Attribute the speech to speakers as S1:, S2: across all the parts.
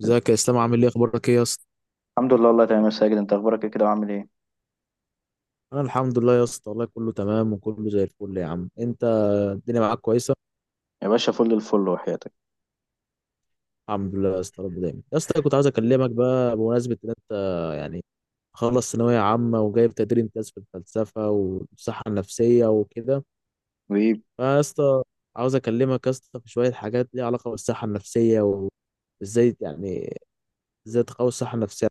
S1: ازيك يا اسلام؟ عامل ايه؟ اخبارك ايه يا اسطى؟
S2: الحمد لله، والله تمام يا ساجد. انت اخبارك ايه كده وعامل ايه؟
S1: انا الحمد لله يا اسطى، والله كله تمام وكله زي الفل يا عم انت. الدنيا معاك كويسه.
S2: يا باشا، فل الفل وحياتك.
S1: الحمد لله يا اسطى، رب دايما يا اسطى. كنت عايز اكلمك بقى بمناسبه ان انت يعني خلص ثانويه عامه وجايب تقدير امتياز في الفلسفه والصحه النفسيه وكده.
S2: وايه؟
S1: فيا اسطى، عاوز اكلمك يا اسطى في شويه حاجات ليها علاقه بالصحه النفسيه، وازاي يعني ازاي تقوي الصحه النفسيه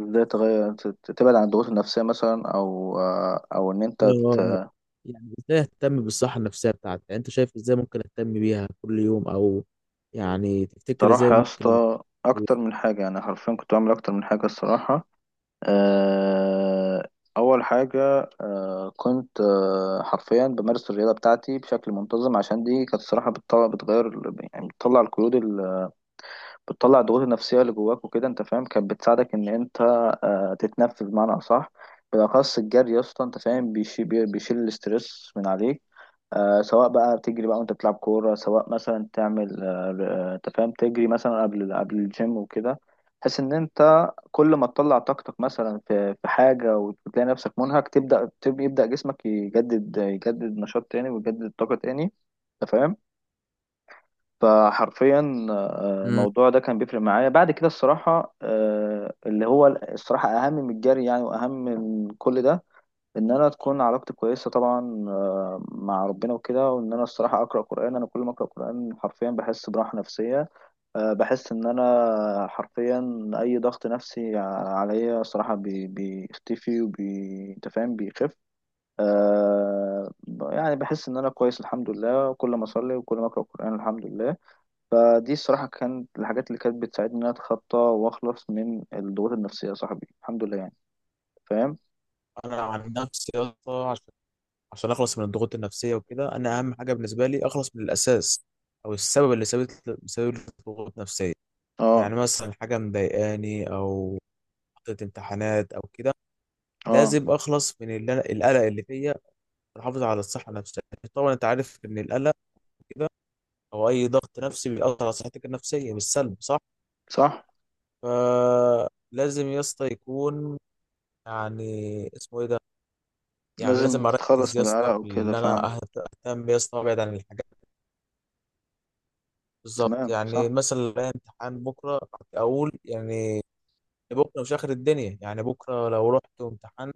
S2: ازاي تغير تبعد عن الضغوط النفسية مثلا، او او ان انت
S1: بتاعتك.
S2: ت-
S1: يعني ازاي اهتم بالصحة النفسية بتاعتي؟ يعني انت شايف ازاي ممكن اهتم بيها كل يوم؟ او يعني تفتكر
S2: تروح
S1: ازاي
S2: يا
S1: ممكن؟
S2: اسطى؟ اكتر من حاجة، يعني حرفيا كنت بعمل اكتر من حاجة الصراحة. آه، اول حاجة، كنت حرفيا بمارس الرياضة بتاعتي بشكل منتظم، عشان دي كانت الصراحة بتطلع بتغير، يعني بتطلع القيود، بتطلع الضغوط النفسية اللي جواك وكده انت فاهم. كانت بتساعدك ان انت تتنفس بمعنى اصح. بالاخص الجري يا اسطى انت فاهم، بيشيل الاسترس من عليك. سواء بقى بتجري بقى وانت بتلعب كورة، سواء مثلا تعمل انت فاهم تجري مثلا قبل الجيم وكده، بحيث ان انت كل ما تطلع طاقتك مثلا في حاجة وتلاقي نفسك منهك، يبدأ جسمك يجدد نشاط تاني ويجدد طاقة تاني. انت فاهم؟ فحرفيا
S1: امم
S2: الموضوع ده كان بيفرق معايا. بعد كده الصراحة، اللي هو الصراحة أهم من الجري يعني، وأهم من كل ده، إن أنا تكون علاقتي كويسة طبعا مع ربنا وكده، وإن أنا الصراحة أقرأ قرآن. أنا كل ما أقرأ قرآن حرفيا بحس براحة نفسية. بحس إن أنا حرفيا أي ضغط نفسي عليا صراحة بيختفي، أنت فاهم بيخف. آه، يعني بحس إن أنا كويس الحمد لله كل ما أصلي وكل ما أقرأ قرآن الحمد لله. فدي الصراحة كانت الحاجات اللي كانت بتساعدني إن أنا أتخطى وأخلص من الضغوط النفسية يا صاحبي، الحمد لله يعني. فاهم؟
S1: انا عن نفسي يا اسطى، عشان عشان اخلص من الضغوط النفسية وكده، انا اهم حاجة بالنسبة لي اخلص من الاساس او السبب اللي سبب سبب لي ضغوط نفسية.
S2: أه.
S1: يعني مثلا حاجة مضايقاني، او ضغط امتحانات او كده.
S2: أه.
S1: لازم اخلص من اللي القلق اللي فيا، واحافظ على الصحة النفسية. طبعا انت عارف ان القلق كده، او اي ضغط نفسي، بيأثر على صحتك النفسية بالسلب، صح؟
S2: صح.
S1: فلازم يا اسطى يكون، يعني اسمه ايه ده، يعني
S2: لازم
S1: لازم
S2: تتخلص
S1: اركز يا
S2: من
S1: اسطى
S2: القلق
S1: في
S2: وكده
S1: اللي انا
S2: فعلا.
S1: اهتم يا اسطى، وابعد عن الحاجات. بالظبط،
S2: تمام، صح.
S1: يعني مثلا لو عليا امتحان بكره، اقول يعني بكره مش اخر الدنيا. يعني بكره لو رحت وامتحنت،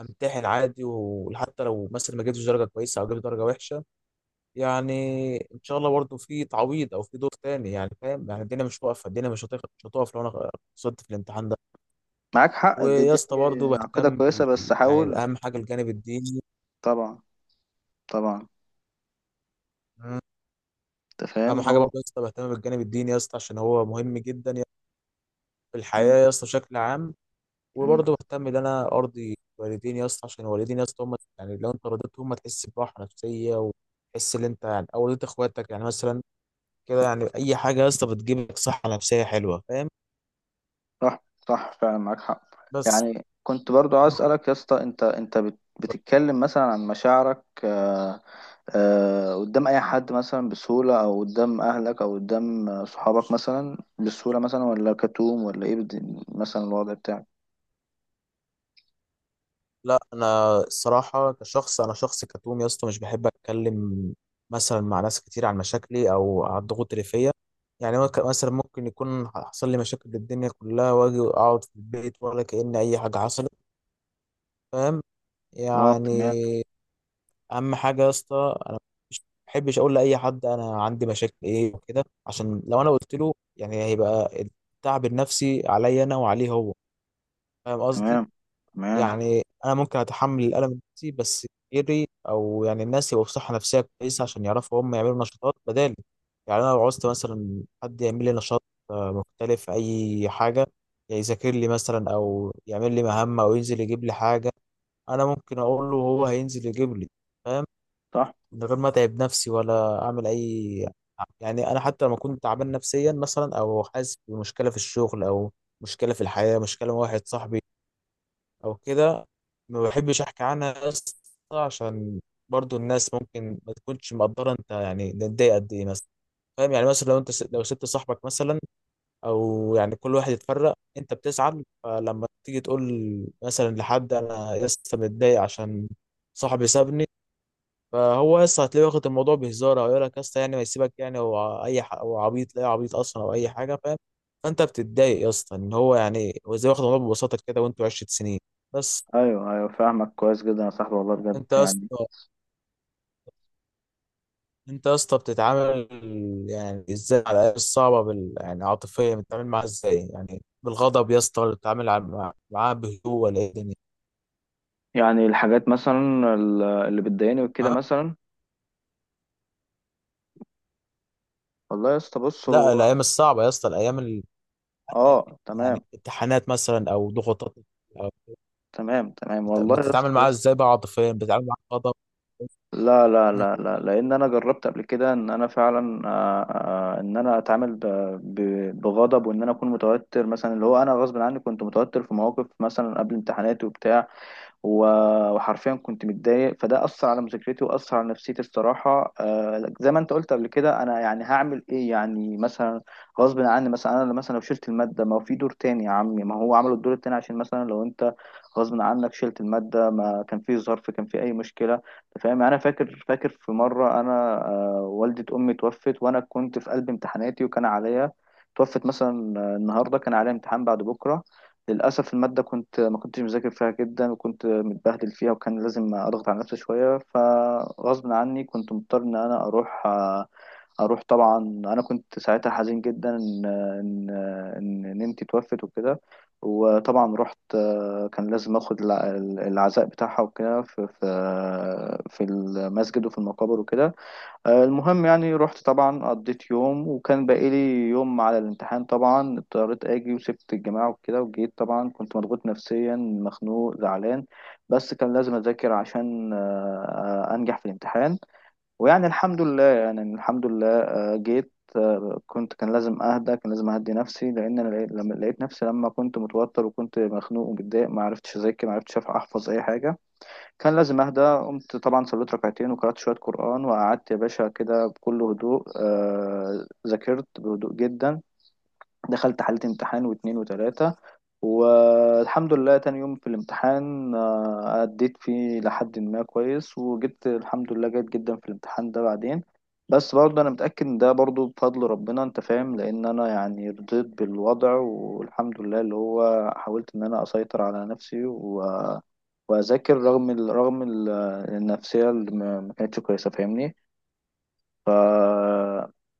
S1: امتحن عادي، وحتى لو مثلا ما جبتش درجه كويسه او جبت درجه وحشه، يعني ان شاء الله برضه في تعويض او في دور تاني. يعني فاهم؟ يعني الدنيا مش واقفه، الدنيا مش هتقف، مش هتقف لو انا خسرت في الامتحان ده.
S2: معاك حق. دي
S1: ويا
S2: دي
S1: اسطى برضه
S2: عقيدة
S1: بهتم
S2: كويسة،
S1: بال...
S2: بس
S1: يعني
S2: حاول.
S1: اهم حاجه الجانب الديني.
S2: طبعا. طبعا.
S1: مم.
S2: أنت
S1: اهم
S2: فاهم
S1: حاجه
S2: هو.
S1: برضه يا اسطى بهتم بالجانب الديني يا اسطى، عشان هو مهم جدا اسطى في
S2: مم.
S1: الحياه يا اسطى بشكل عام.
S2: مم.
S1: وبرضه بهتم ان انا ارضي والديني يا اسطى، عشان والديني يا اسطى هم، يعني لو انت رضيتهم هتحس براحه نفسيه، وتحس ان انت يعني او رضيت اخواتك، يعني مثلا كده. يعني اي حاجه يا اسطى بتجيب لك صحه نفسيه حلوه، فاهم؟
S2: صح صح، فعلا معاك حق.
S1: بس
S2: يعني كنت برضو عايز اسالك يا اسطى، انت بتتكلم مثلا عن مشاعرك، قدام اي حد مثلا بسهوله، او قدام اهلك، او قدام صحابك مثلا بسهوله مثلا، ولا كتوم ولا ايه مثلا الوضع بتاعك؟
S1: لا، انا الصراحه كشخص انا شخص كتوم يا اسطى، مش بحب اتكلم مثلا مع ناس كتير عن مشاكلي او عن الضغوط اللي فيا. يعني مثلا ممكن يكون حصل لي مشاكل الدنيا كلها واجي اقعد في البيت ولا كأن اي حاجه حصلت. فاهم
S2: اه
S1: يعني؟
S2: تمام.
S1: اهم حاجه يا اسطى انا مش بحبش اقول لاي حد انا عندي مشاكل ايه وكده، عشان لو انا قلت له يعني هيبقى التعب النفسي عليا انا وعليه هو. فاهم قصدي؟
S2: تمام تمام،
S1: يعني انا ممكن اتحمل الالم النفسي، بس غيري، او يعني الناس، يبقوا في صحه نفسيه كويسه عشان يعرفوا هم يعملوا نشاطات بدالي. يعني انا لو عوزت مثلا حد يعمل لي نشاط مختلف، اي حاجه، يعني يذاكر لي مثلا او يعمل لي مهمه او ينزل يجيب لي حاجه، انا ممكن اقول له وهو هينزل يجيب لي، فاهم؟
S2: صح.
S1: من غير ما اتعب نفسي ولا اعمل اي، يعني انا حتى لما كنت تعبان نفسيا مثلا، او حاسس بمشكله في الشغل، او مشكله في الحياه، مشكله مع واحد صاحبي او كده، ما بحبش احكي عنها اصلا، عشان برضو الناس ممكن ما تكونش مقدره انت يعني نتضايق قد ايه مثلا. فاهم يعني؟ مثلا لو انت س... لو سبت صاحبك مثلا، او يعني كل واحد يتفرق، انت بتزعل، فلما تيجي تقول مثلا لحد انا لسه متضايق عشان صاحبي سابني، فهو لسه هتلاقيه واخد الموضوع بهزار، او يقول لك لسه يعني ما يسيبك، يعني هو اي ح... هو عبيط، لا عبيط اصلا، او اي حاجه، فاهم؟ فانت بتتضايق يا اسطى ان هو، يعني هو ازاي واخد الموضوع ببساطه كده وانتوا 10 سنين؟ بس.
S2: ايوه ايوه، فاهمك كويس جدا يا صاحبي والله، بجد
S1: انت يا اسطى
S2: يعني.
S1: انت يا اسطى بتتعامل، يعني ازاي على الايام الصعبه بال... يعني عاطفيا بتتعامل معاها ازاي؟ يعني بالغضب يا اسطى، ولا بتتعامل معاها بهدوء، ولا ايه الدنيا؟
S2: يعني الحاجات مثلا، اللي بتضايقني وكده
S1: ها؟
S2: مثلا. والله يا اسطى بص
S1: لا،
S2: هو.
S1: الايام الصعبه يا اسطى، الايام ال...
S2: اه
S1: يعني
S2: تمام.
S1: امتحانات مثلا او ضغوطات او
S2: تمام تمام، والله يا اسطى
S1: بتتعامل معاها
S2: بص،
S1: ازاي بقى؟ عاطفيا بتتعامل معاها بغضب؟
S2: لا لا لا لا، لان انا جربت قبل كده ان انا فعلا ان انا اتعامل بغضب، وان انا اكون متوتر مثلا. اللي هو انا غصب عني كنت متوتر في مواقف مثلا قبل امتحاناتي وبتاع، وحرفيا كنت متضايق، فده أثر على مذاكرتي وأثر على نفسيتي الصراحة. زي ما أنت قلت قبل كده، أنا يعني هعمل إيه يعني مثلا؟ غصب عني مثلا، أنا مثلا لو شلت المادة، ما هو في دور تاني يا عمي، ما هو عملوا الدور التاني عشان مثلا لو أنت غصب عنك شلت المادة ما كان في ظرف، كان في أي مشكلة، أنت فاهم يعني؟ أنا فاكر في مرة أنا، والدة أمي توفت وأنا كنت في قلب امتحاناتي، وكان عليا. توفت مثلا النهارده، كان عليا امتحان بعد بكرة. للأسف المادة كنت ما كنتش مذاكر فيها جدا، وكنت متبهدل فيها، وكان لازم أضغط على نفسي شوية، فغصب عني كنت مضطر إن أنا أروح. طبعا أنا كنت ساعتها حزين جدا إن ننتي توفت وكده. وطبعا رحت، كان لازم أخد العزاء بتاعها وكده في في المسجد وفي المقابر وكده. المهم يعني رحت، طبعا قضيت يوم، وكان باقي لي يوم على الامتحان. طبعا اضطريت اجي وسبت الجماعة وكده، وجيت طبعا كنت مضغوط نفسيا مخنوق زعلان، بس كان لازم اذاكر عشان انجح في الامتحان. ويعني الحمد لله، آه، جيت آه، كنت كان لازم اهدى، كان لازم اهدي نفسي، لان انا لما لقيت نفسي لما كنت متوتر وكنت مخنوق ومتضايق، ما عرفتش اذاكر، ما عرفتش احفظ اي حاجة. كان لازم اهدى. قمت طبعا صليت ركعتين وقرأت شوية قرآن، وقعدت يا باشا كده بكل هدوء، ذاكرت بهدوء جدا. دخلت حالة امتحان، واتنين وتلاتة، والحمد لله تاني يوم في الامتحان، أديت فيه لحد ما كويس، وجبت الحمد لله جيد جدا في الامتحان ده بعدين. بس برضه أنا متأكد إن ده برضه بفضل ربنا، أنت فاهم، لأن أنا يعني رضيت بالوضع والحمد لله، اللي هو حاولت إن أنا أسيطر على نفسي وأذاكر، رغم النفسية اللي ما كانتش كويسة، فاهمني؟ ف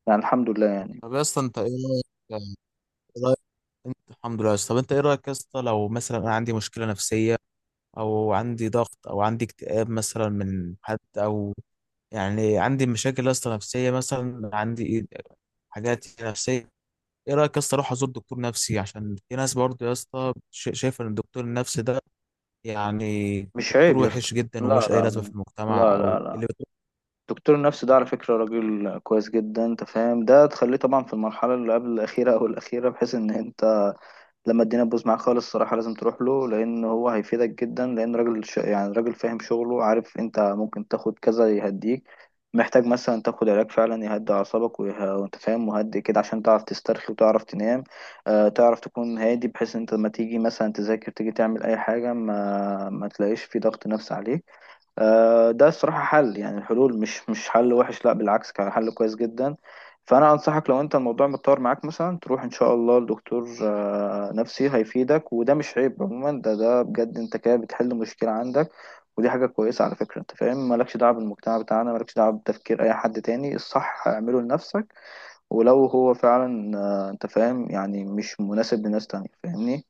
S2: يعني الحمد لله يعني.
S1: طب يا اسطى انت ايه رايك يعني؟ ايه رايك انت؟ الحمد لله يا اسطى. طب انت ايه رايك يا اسطى لو مثلا انا عندي مشكله نفسيه، او عندي ضغط، او عندي اكتئاب مثلا من حد، او يعني عندي مشاكل يا اسطى نفسيه، مثلا عندي إيه، حاجات نفسيه، ايه رايك يا اسطى اروح ازور دكتور نفسي؟ عشان في ناس برضه يا اسطى شايفه ان الدكتور النفسي ده يعني
S2: مش
S1: دكتور
S2: عيب يا اسطى.
S1: وحش جدا
S2: لا
S1: ومش اي
S2: لا
S1: لازمه في المجتمع،
S2: لا لا
S1: او
S2: لا
S1: اللي بتقول.
S2: دكتور النفس ده على فكرة راجل كويس جدا انت فاهم. ده تخليه طبعا في المرحلة اللي قبل الأخيرة أو الأخيرة، بحيث إن انت لما الدنيا تبوظ معاك خالص الصراحة لازم تروح له، لأن هو هيفيدك جدا، لأن راجل يعني راجل فاهم شغله، عارف انت ممكن تاخد كذا يهديك، محتاج مثلا تاخد علاج فعلا يهدي أعصابك وانت فاهم مهدي كده، عشان تعرف تسترخي وتعرف تنام. آه تعرف تكون هادي، بحيث انت لما تيجي مثلا تذاكر تيجي تعمل أي حاجة ما تلاقيش في ضغط نفسي عليك. ده الصراحة حل، يعني الحلول مش حل وحش، لا بالعكس كان حل كويس جدا. فأنا أنصحك لو أنت الموضوع متطور معاك، مثلا تروح إن شاء الله لدكتور نفسي هيفيدك، وده مش عيب عموما. ده بجد، أنت كده بتحل مشكلة عندك، ودي حاجة كويسة على فكرة، أنت فاهم. مالكش دعوة بالمجتمع بتاعنا، مالكش دعوة بتفكير أي حد تاني، الصح اعمله لنفسك. ولو هو فعلا أنت فاهم، يعني مش مناسب لناس تانية، فاهمني؟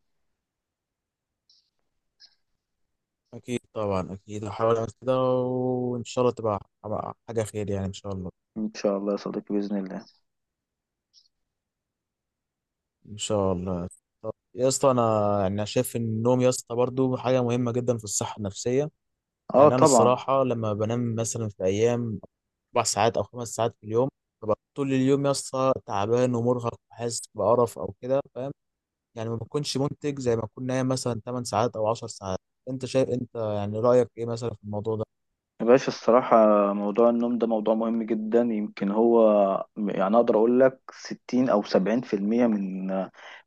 S1: اكيد طبعا، اكيد هحاول اعمل كده وان شاء الله تبقى تبقى حاجه خير يعني ان شاء الله.
S2: إن شاء الله يا صديقي بإذن الله.
S1: ان شاء الله. طب يا اسطى انا يعني أنا شايف ان النوم يا اسطى برضه حاجه مهمه جدا في الصحه النفسيه.
S2: اه
S1: يعني انا
S2: طبعا.
S1: الصراحه لما بنام مثلا في ايام اربع ساعات او خمس ساعات في اليوم، ببقى طول اليوم يا اسطى تعبان ومرهق وحاسس بقرف او كده، فاهم؟ يعني ما بكونش منتج زي ما اكون نايم مثلا 8 ساعات او 10 ساعات. انت شايف، انت يعني رايك ايه مثلا في الموضوع ده؟
S2: يا باشا الصراحة موضوع النوم ده موضوع مهم جدا، يمكن هو يعني أقدر أقول لك 60 أو 70% من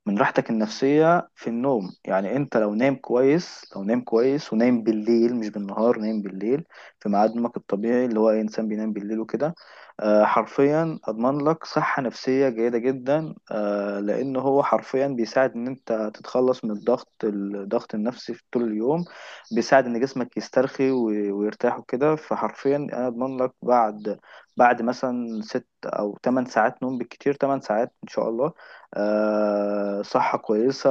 S2: راحتك النفسية في النوم. يعني أنت لو نايم كويس، لو نايم كويس ونايم بالليل مش بالنهار، نايم بالليل في ميعاد نومك الطبيعي، اللي هو أي إنسان بينام بالليل وكده، حرفيا أضمن لك صحة نفسية جيدة جدا. لأن هو حرفيا بيساعد إن أنت تتخلص من الضغط النفسي في طول اليوم، بيساعد ان جسمك يسترخي ويرتاح وكده. فحرفيا انا اضمن لك بعد مثلا ست او تمن ساعات نوم، بالكتير تمن ساعات ان شاء الله، آه صحة كويسة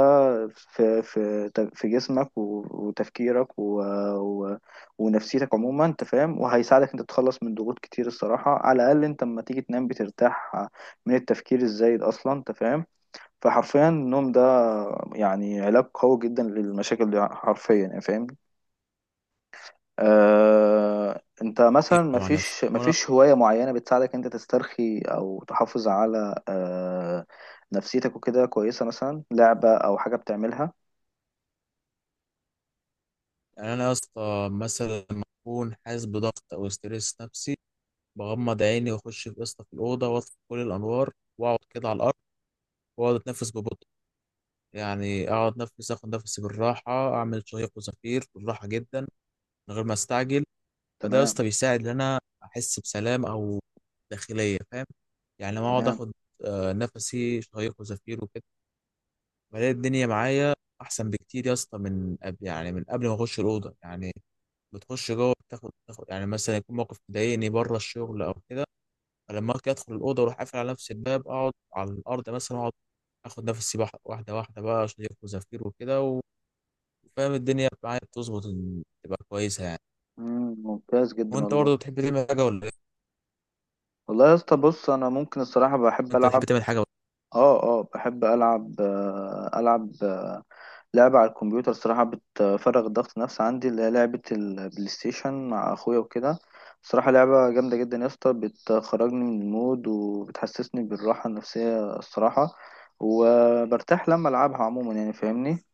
S2: في جسمك وتفكيرك و و ونفسيتك عموما انت فاهم. وهيساعدك انت تتخلص من ضغوط كتير الصراحة، على الاقل انت لما تيجي تنام بترتاح من التفكير الزايد اصلا انت فاهم. فحرفيا النوم ده يعني علاج قوي جدا للمشاكل دي حرفيا يعني فاهم. انت
S1: ايه
S2: مثلا
S1: طبعا يا اسطى. انا
S2: مفيش هواية معينة بتساعدك انت تسترخي او تحافظ على نفسيتك وكده كويسة، مثلا لعبة او حاجة بتعملها؟
S1: يعني انا يا اسطى مثلا لما اكون حاسس بضغط او ستريس نفسي، بغمض عيني واخش في اسطى في الاوضه، واطفي كل الانوار، واقعد كده على الارض، واقعد اتنفس ببطء. يعني اقعد نفس، اخد نفسي بالراحه، اعمل شهيق وزفير بالراحه جدا، من غير ما استعجل. فده يا
S2: تمام.
S1: اسطى بيساعد ان انا احس بسلام، او داخليه، فاهم؟ يعني لما اقعد
S2: تمام.
S1: اخد نفسي شهيق وزفير وكده، بلاقي الدنيا معايا احسن بكتير يا اسطى من قبل، يعني من قبل ما اخش الاوضه. يعني بتخش جوه، بتاخد يعني مثلا يكون موقف مضايقني بره الشغل او كده، فلما اجي ادخل الاوضه واروح قافل على نفسي الباب، اقعد على الارض مثلا، اقعد اخد نفسي واحده واحده بقى، شهيق وزفير وكده، وفاهم الدنيا معايا بتظبط إن تبقى كويسه يعني.
S2: مم، ممتاز جدا
S1: وانت
S2: والله.
S1: برضه بتحب تعمل حاجه ولا إيه؟
S2: والله يا اسطى بص، انا ممكن الصراحة بحب
S1: انت
S2: العب.
S1: بتحب تعمل حاجه؟
S2: اه بحب العب، العب لعبة على الكمبيوتر صراحة بتفرغ الضغط النفسي عندي، اللي هي لعبة البلاي ستيشن مع أخويا وكده. صراحة لعبة جامدة جدا يا اسطى، بتخرجني من المود وبتحسسني بالراحة النفسية الصراحة، وبرتاح لما ألعبها عموما يعني فاهمني.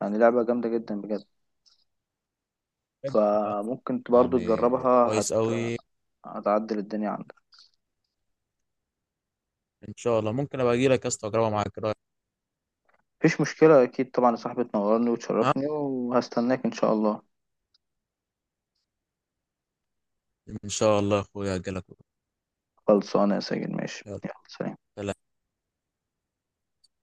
S2: يعني لعبة جامدة جدا بجد. فممكن برضو
S1: يعني
S2: تجربها،
S1: كويس قوي.
S2: هتعدل الدنيا عندك.
S1: ان شاء الله ممكن ابقى اجي لك يا اسطى اجربها معاك، إيه رأيك؟
S2: مفيش مشكلة أكيد طبعا يا صاحبي، تنورني
S1: ها؟
S2: وتشرفني وهستناك إن شاء الله.
S1: ان شاء الله يا اخويا اجي لك.
S2: خلصانة يا ساجد، ماشي،
S1: يلا
S2: يلا سلام.
S1: سلام.